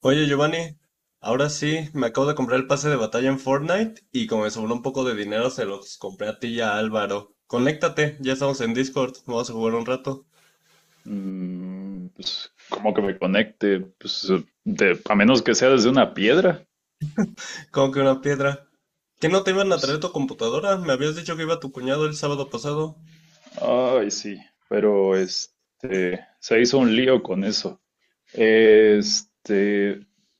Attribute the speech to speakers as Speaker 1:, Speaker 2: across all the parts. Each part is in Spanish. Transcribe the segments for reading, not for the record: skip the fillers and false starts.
Speaker 1: Oye Giovanni, ahora sí, me acabo de comprar el pase de batalla en Fortnite y como me sobró un poco de dinero se los compré a ti y a Álvaro. Conéctate, ya estamos en Discord, vamos a jugar un rato.
Speaker 2: Pues, ¿cómo que me conecte? Pues, a menos que sea desde una piedra.
Speaker 1: ¿Como que una piedra? ¿Que no te iban a traer
Speaker 2: Pues,
Speaker 1: tu computadora? Me habías dicho que iba tu cuñado el sábado pasado.
Speaker 2: ay, sí, pero se hizo un lío con eso. Este,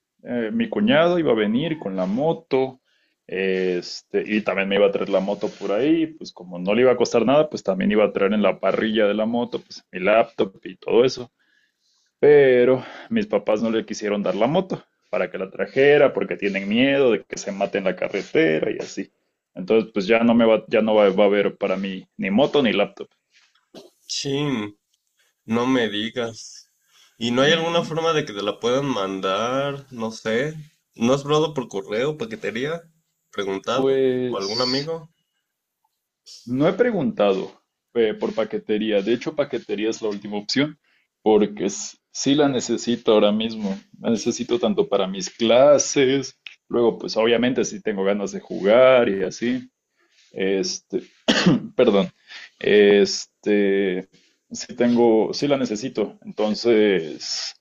Speaker 2: mi cuñado iba a venir con la moto, y también me iba a traer la moto por ahí, pues como no le iba a costar nada, pues también iba a traer en la parrilla de la moto, pues mi laptop y todo eso. Pero mis papás no le quisieron dar la moto para que la trajera porque tienen miedo de que se mate en la carretera y así. Entonces, pues ya no me va, ya no va, va a haber para mí ni moto ni laptop.
Speaker 1: Chin, no me digas. ¿Y no hay alguna
Speaker 2: Ujú.
Speaker 1: forma de que te la puedan mandar? No sé. ¿No has probado por correo, paquetería? ¿Preguntado? ¿O
Speaker 2: Pues
Speaker 1: algún amigo?
Speaker 2: no he preguntado por paquetería. De hecho, paquetería es la última opción porque sí la necesito ahora mismo. La necesito tanto para mis clases, luego pues obviamente sí tengo ganas de jugar y así. Este, Perdón. Este, sí la necesito. Entonces,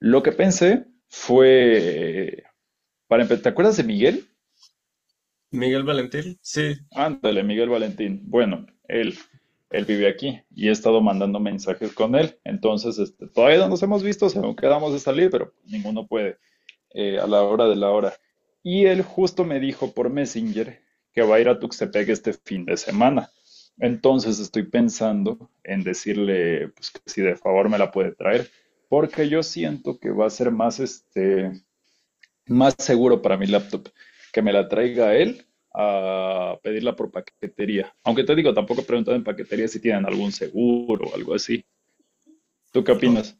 Speaker 2: lo que pensé fue, ¿te acuerdas de Miguel?
Speaker 1: ¿Miguel Valentín? Sí.
Speaker 2: Ándale, Miguel Valentín. Bueno, él vive aquí y he estado mandando mensajes con él. Entonces, todavía no nos hemos visto, según quedamos de salir, pero ninguno puede a la hora de la hora. Y él justo me dijo por Messenger que va a ir a Tuxtepec este fin de semana. Entonces estoy pensando en decirle pues, que si de favor me la puede traer, porque yo siento que va a ser más, más seguro para mi laptop que me la traiga él a pedirla por paquetería. Aunque te digo, tampoco he preguntado en paquetería si tienen algún seguro o algo así. ¿Tú qué opinas?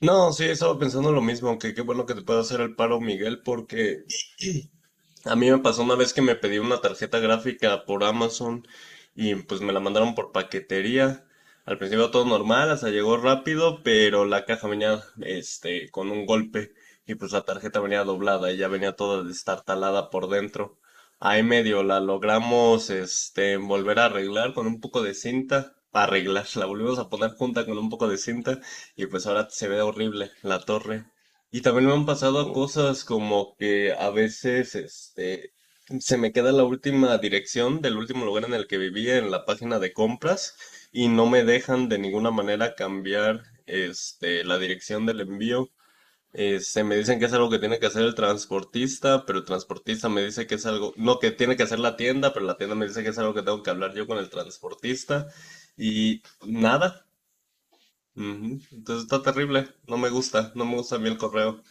Speaker 1: No, sí, estaba pensando lo mismo, que qué bueno que te pueda hacer el paro, Miguel, porque a mí me pasó una vez que me pedí una tarjeta gráfica por Amazon y pues me la mandaron por paquetería. Al principio todo normal, hasta llegó rápido, pero la caja venía este con un golpe y pues la tarjeta venía doblada y ya venía toda destartalada por dentro. Ahí medio la logramos este volver a arreglar con un poco de cinta, arreglar, la volvimos a poner junta con un poco de cinta y pues ahora se ve horrible la torre. Y también me han pasado cosas como que a veces, este, se me queda la última dirección del último lugar en el que vivía en la página de compras y no me dejan de ninguna manera cambiar, este, la dirección del envío. Se me dicen que es algo que tiene que hacer el transportista, pero el transportista me dice que es algo, no, que tiene que hacer la tienda, pero la tienda me dice que es algo que tengo que hablar yo con el transportista y nada. Ujú. Entonces está terrible, no me gusta, no me gusta a mí el correo.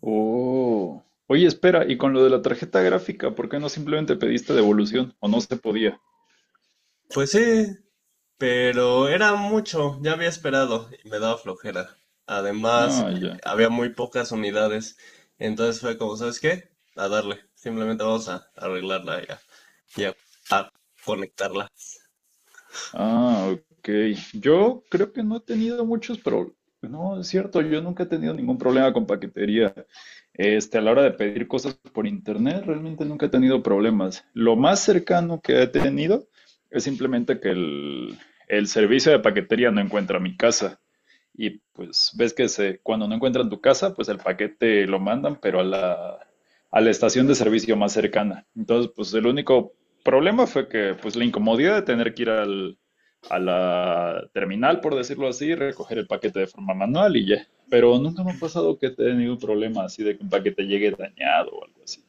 Speaker 2: Oh. Oye, espera, y con lo de la tarjeta gráfica, ¿por qué no simplemente pediste devolución? ¿O no se podía?
Speaker 1: Pues sí, pero era mucho, ya había esperado y me daba flojera. Además,
Speaker 2: Ah, ya.
Speaker 1: había muy pocas unidades, entonces fue como, ¿sabes qué? A darle, simplemente vamos a arreglarla y a conectarla.
Speaker 2: Ah, ok. Yo creo que no he tenido muchos problemas. No, es cierto, yo nunca he tenido ningún problema con paquetería. A la hora de pedir cosas por internet, realmente nunca he tenido problemas. Lo más cercano que he tenido es simplemente que el servicio de paquetería no encuentra mi casa. Y pues ves que se, cuando no encuentran tu casa, pues el paquete lo mandan, pero a la estación de servicio más cercana. Entonces, pues el único problema fue que pues la incomodidad de tener que ir a la terminal, por decirlo así, recoger el paquete de forma manual y ya. Pero nunca me ha pasado que he tenido un problema así de que un paquete llegue dañado o algo así.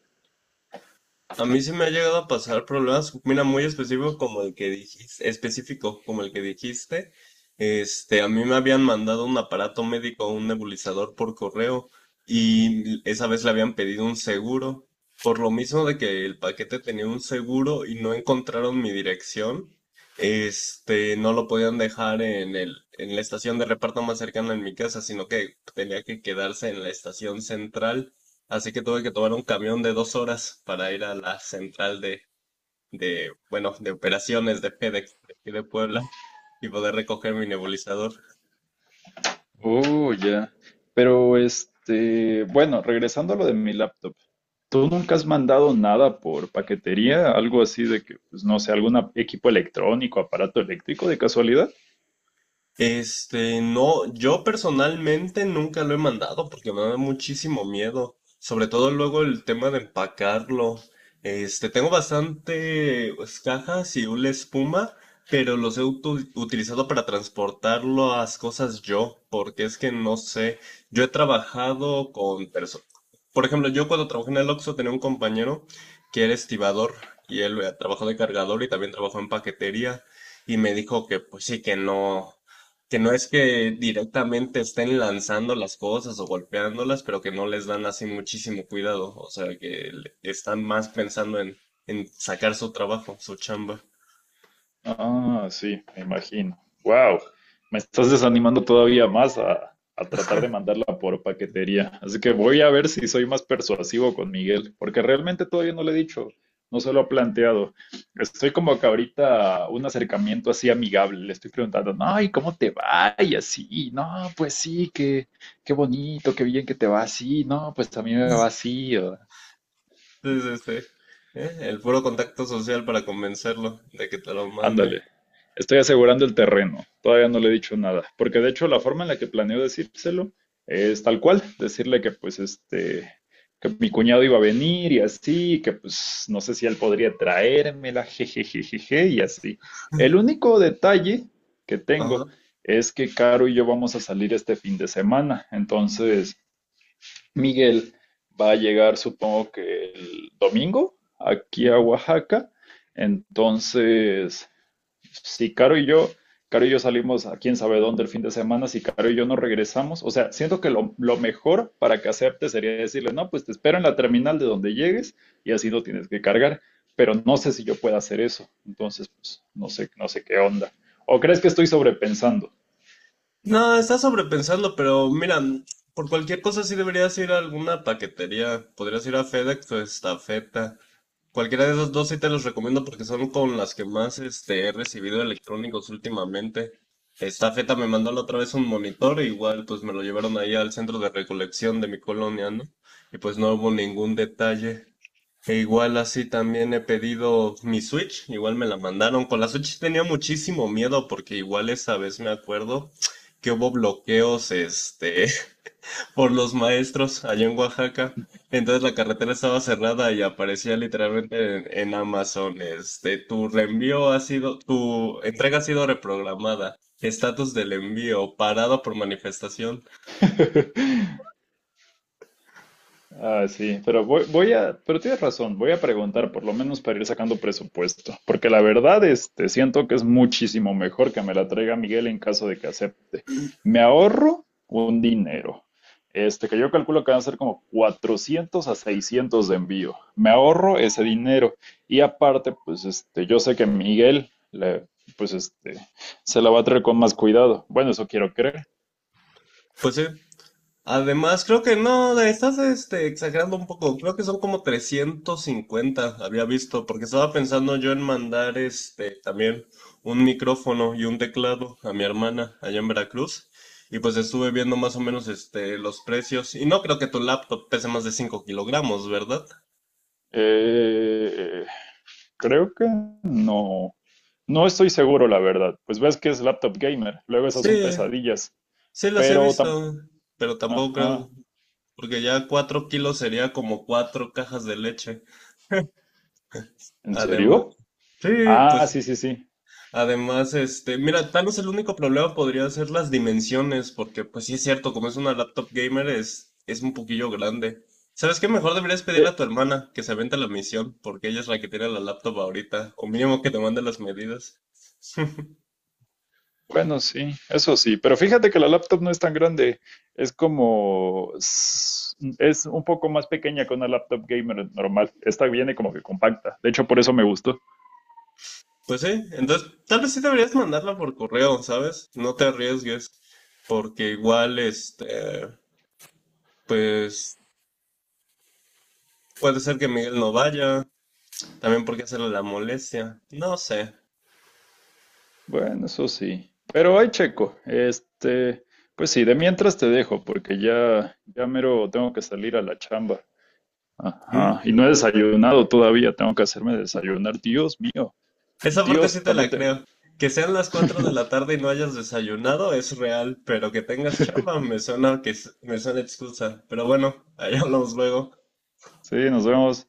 Speaker 1: A mí se me ha llegado a pasar problemas, mira, muy específico como el que dijiste, específico como el que dijiste. Este, a mí me habían mandado un aparato médico, un nebulizador por correo y esa vez le habían pedido un seguro. Por lo mismo de que el paquete tenía un seguro y no encontraron mi dirección, este, no lo podían dejar en el, en la estación de reparto más cercana en mi casa, sino que tenía que quedarse en la estación central. Así que tuve que tomar un camión de 2 horas para ir a la central de, bueno, de operaciones de FedEx de aquí de Puebla y poder recoger mi nebulizador.
Speaker 2: Oh, ya. Pero bueno, regresando a lo de mi laptop, ¿tú nunca has mandado nada por paquetería? ¿Algo así de que, pues no sé, algún equipo electrónico, aparato eléctrico de casualidad?
Speaker 1: Este, no, yo personalmente nunca lo he mandado porque me da muchísimo miedo, sobre todo luego el tema de empacarlo. Este, tengo bastante pues, cajas y una espuma, pero los he utilizado para transportarlo a las cosas yo, porque es que no sé, yo he trabajado con personas. Por ejemplo, yo cuando trabajé en el Oxxo tenía un compañero que era estibador y él trabajó de cargador y también trabajó en paquetería y me dijo que pues sí que no. Que no es que directamente estén lanzando las cosas o golpeándolas, pero que no les dan así muchísimo cuidado. O sea, que están más pensando en sacar su trabajo, su chamba.
Speaker 2: Ah, sí, me imagino. Wow, me estás desanimando todavía más a tratar de mandarla por paquetería. Así que voy a ver si soy más persuasivo con Miguel, porque realmente todavía no le he dicho, no se lo ha planteado. Estoy como que ahorita un acercamiento así amigable, le estoy preguntando, no, ¿y cómo te va? Y así, no, pues sí, qué bonito, qué bien que te va así, no, pues a mí me va así.
Speaker 1: Sí, sí, sí. ¿Eh? El puro contacto social para convencerlo de que te lo mande.
Speaker 2: Ándale. Estoy asegurando el terreno. Todavía no le he dicho nada. Porque de hecho la forma en la que planeo decírselo es tal cual. Decirle que pues que mi cuñado iba a venir y así, que pues no sé si él podría traérmela, jejejejeje, y así. El único detalle que
Speaker 1: Ajá.
Speaker 2: tengo es que Caro y yo vamos a salir este fin de semana. Entonces, Miguel va a llegar, supongo que el domingo, aquí a Oaxaca. Entonces, si Caro y yo, Caro y yo salimos a quién sabe dónde el fin de semana, si Caro y yo no regresamos, o sea, siento que lo mejor para que acepte sería decirle, no, pues te espero en la terminal de donde llegues y así no tienes que cargar, pero no sé si yo pueda hacer eso, entonces, pues, no sé qué onda. ¿O crees que estoy sobrepensando?
Speaker 1: No, estás sobrepensando, pero mira, por cualquier cosa sí deberías ir a alguna paquetería. Podrías ir a FedEx o Estafeta. Cualquiera de esas dos sí te los recomiendo porque son con las que más este, he recibido electrónicos últimamente. Estafeta me mandó la otra vez un monitor, e igual pues me lo llevaron ahí al centro de recolección de mi colonia, ¿no? Y pues no hubo ningún detalle. E igual así también he pedido mi Switch, igual me la mandaron. Con la Switch tenía muchísimo miedo porque igual esa vez me acuerdo que hubo bloqueos este, por los maestros allá en Oaxaca. Entonces la carretera estaba cerrada y aparecía literalmente en Amazon, este, tu reenvío ha sido, tu entrega ha sido reprogramada, estatus del envío, parado por manifestación.
Speaker 2: Ah, sí, pero pero tienes razón, voy a preguntar por lo menos para ir sacando presupuesto, porque la verdad, siento que es muchísimo mejor que me la traiga Miguel en caso de que acepte. Me ahorro un dinero, que yo calculo que van a ser como 400 a 600 de envío. Me ahorro ese dinero y aparte, pues, yo sé que pues, se la va a traer con más cuidado. Bueno, eso quiero creer.
Speaker 1: Pues sí. Además, creo que no, la estás este, exagerando un poco. Creo que son como 350 había visto, porque estaba pensando yo en mandar este también un micrófono y un teclado a mi hermana allá en Veracruz. Y pues estuve viendo más o menos este los precios. Y no creo que tu laptop pese más de 5 kilogramos, ¿verdad?
Speaker 2: Eh, Creo que no. No estoy seguro, la verdad. Pues ves que es laptop gamer. Luego esas son
Speaker 1: Sí,
Speaker 2: pesadillas.
Speaker 1: sí las he
Speaker 2: Pero tam-
Speaker 1: visto, pero tampoco creo,
Speaker 2: Ajá.
Speaker 1: porque ya 4 kilos sería como 4 cajas de leche.
Speaker 2: ¿En
Speaker 1: Además,
Speaker 2: serio?
Speaker 1: sí,
Speaker 2: Ah,
Speaker 1: pues.
Speaker 2: sí, sí, sí.
Speaker 1: Además, este, mira, tal vez el único problema podría ser las dimensiones, porque pues sí es cierto, como es una laptop gamer es un poquillo grande. ¿Sabes qué? Mejor deberías pedirle
Speaker 2: Eh,
Speaker 1: a tu hermana que se avente la misión, porque ella es la que tiene la laptop ahorita, o mínimo que te mande las medidas.
Speaker 2: bueno, sí, eso sí. Pero fíjate que la laptop no es tan grande. Es como... Es un poco más pequeña que una laptop gamer normal. Esta viene como que compacta. De hecho, por eso me gustó.
Speaker 1: Pues sí, entonces tal vez sí deberías mandarla por correo, ¿sabes? No te arriesgues, porque igual, este, pues puede ser que Miguel no vaya, también porque hacerle la molestia, no sé.
Speaker 2: Bueno, eso sí. Pero hay checo. Pues sí, de mientras te dejo, porque ya mero tengo que salir a la chamba. Ajá. Y
Speaker 1: ¿Mm?
Speaker 2: no he desayunado todavía, tengo que hacerme desayunar. Dios mío.
Speaker 1: Esa parte sí
Speaker 2: Dios,
Speaker 1: te la
Speaker 2: también te-
Speaker 1: creo. Que sean las 4 de la tarde y no hayas desayunado es real, pero que tengas chamba me suena excusa. Pero bueno, ahí hablamos luego.
Speaker 2: Sí, nos vemos.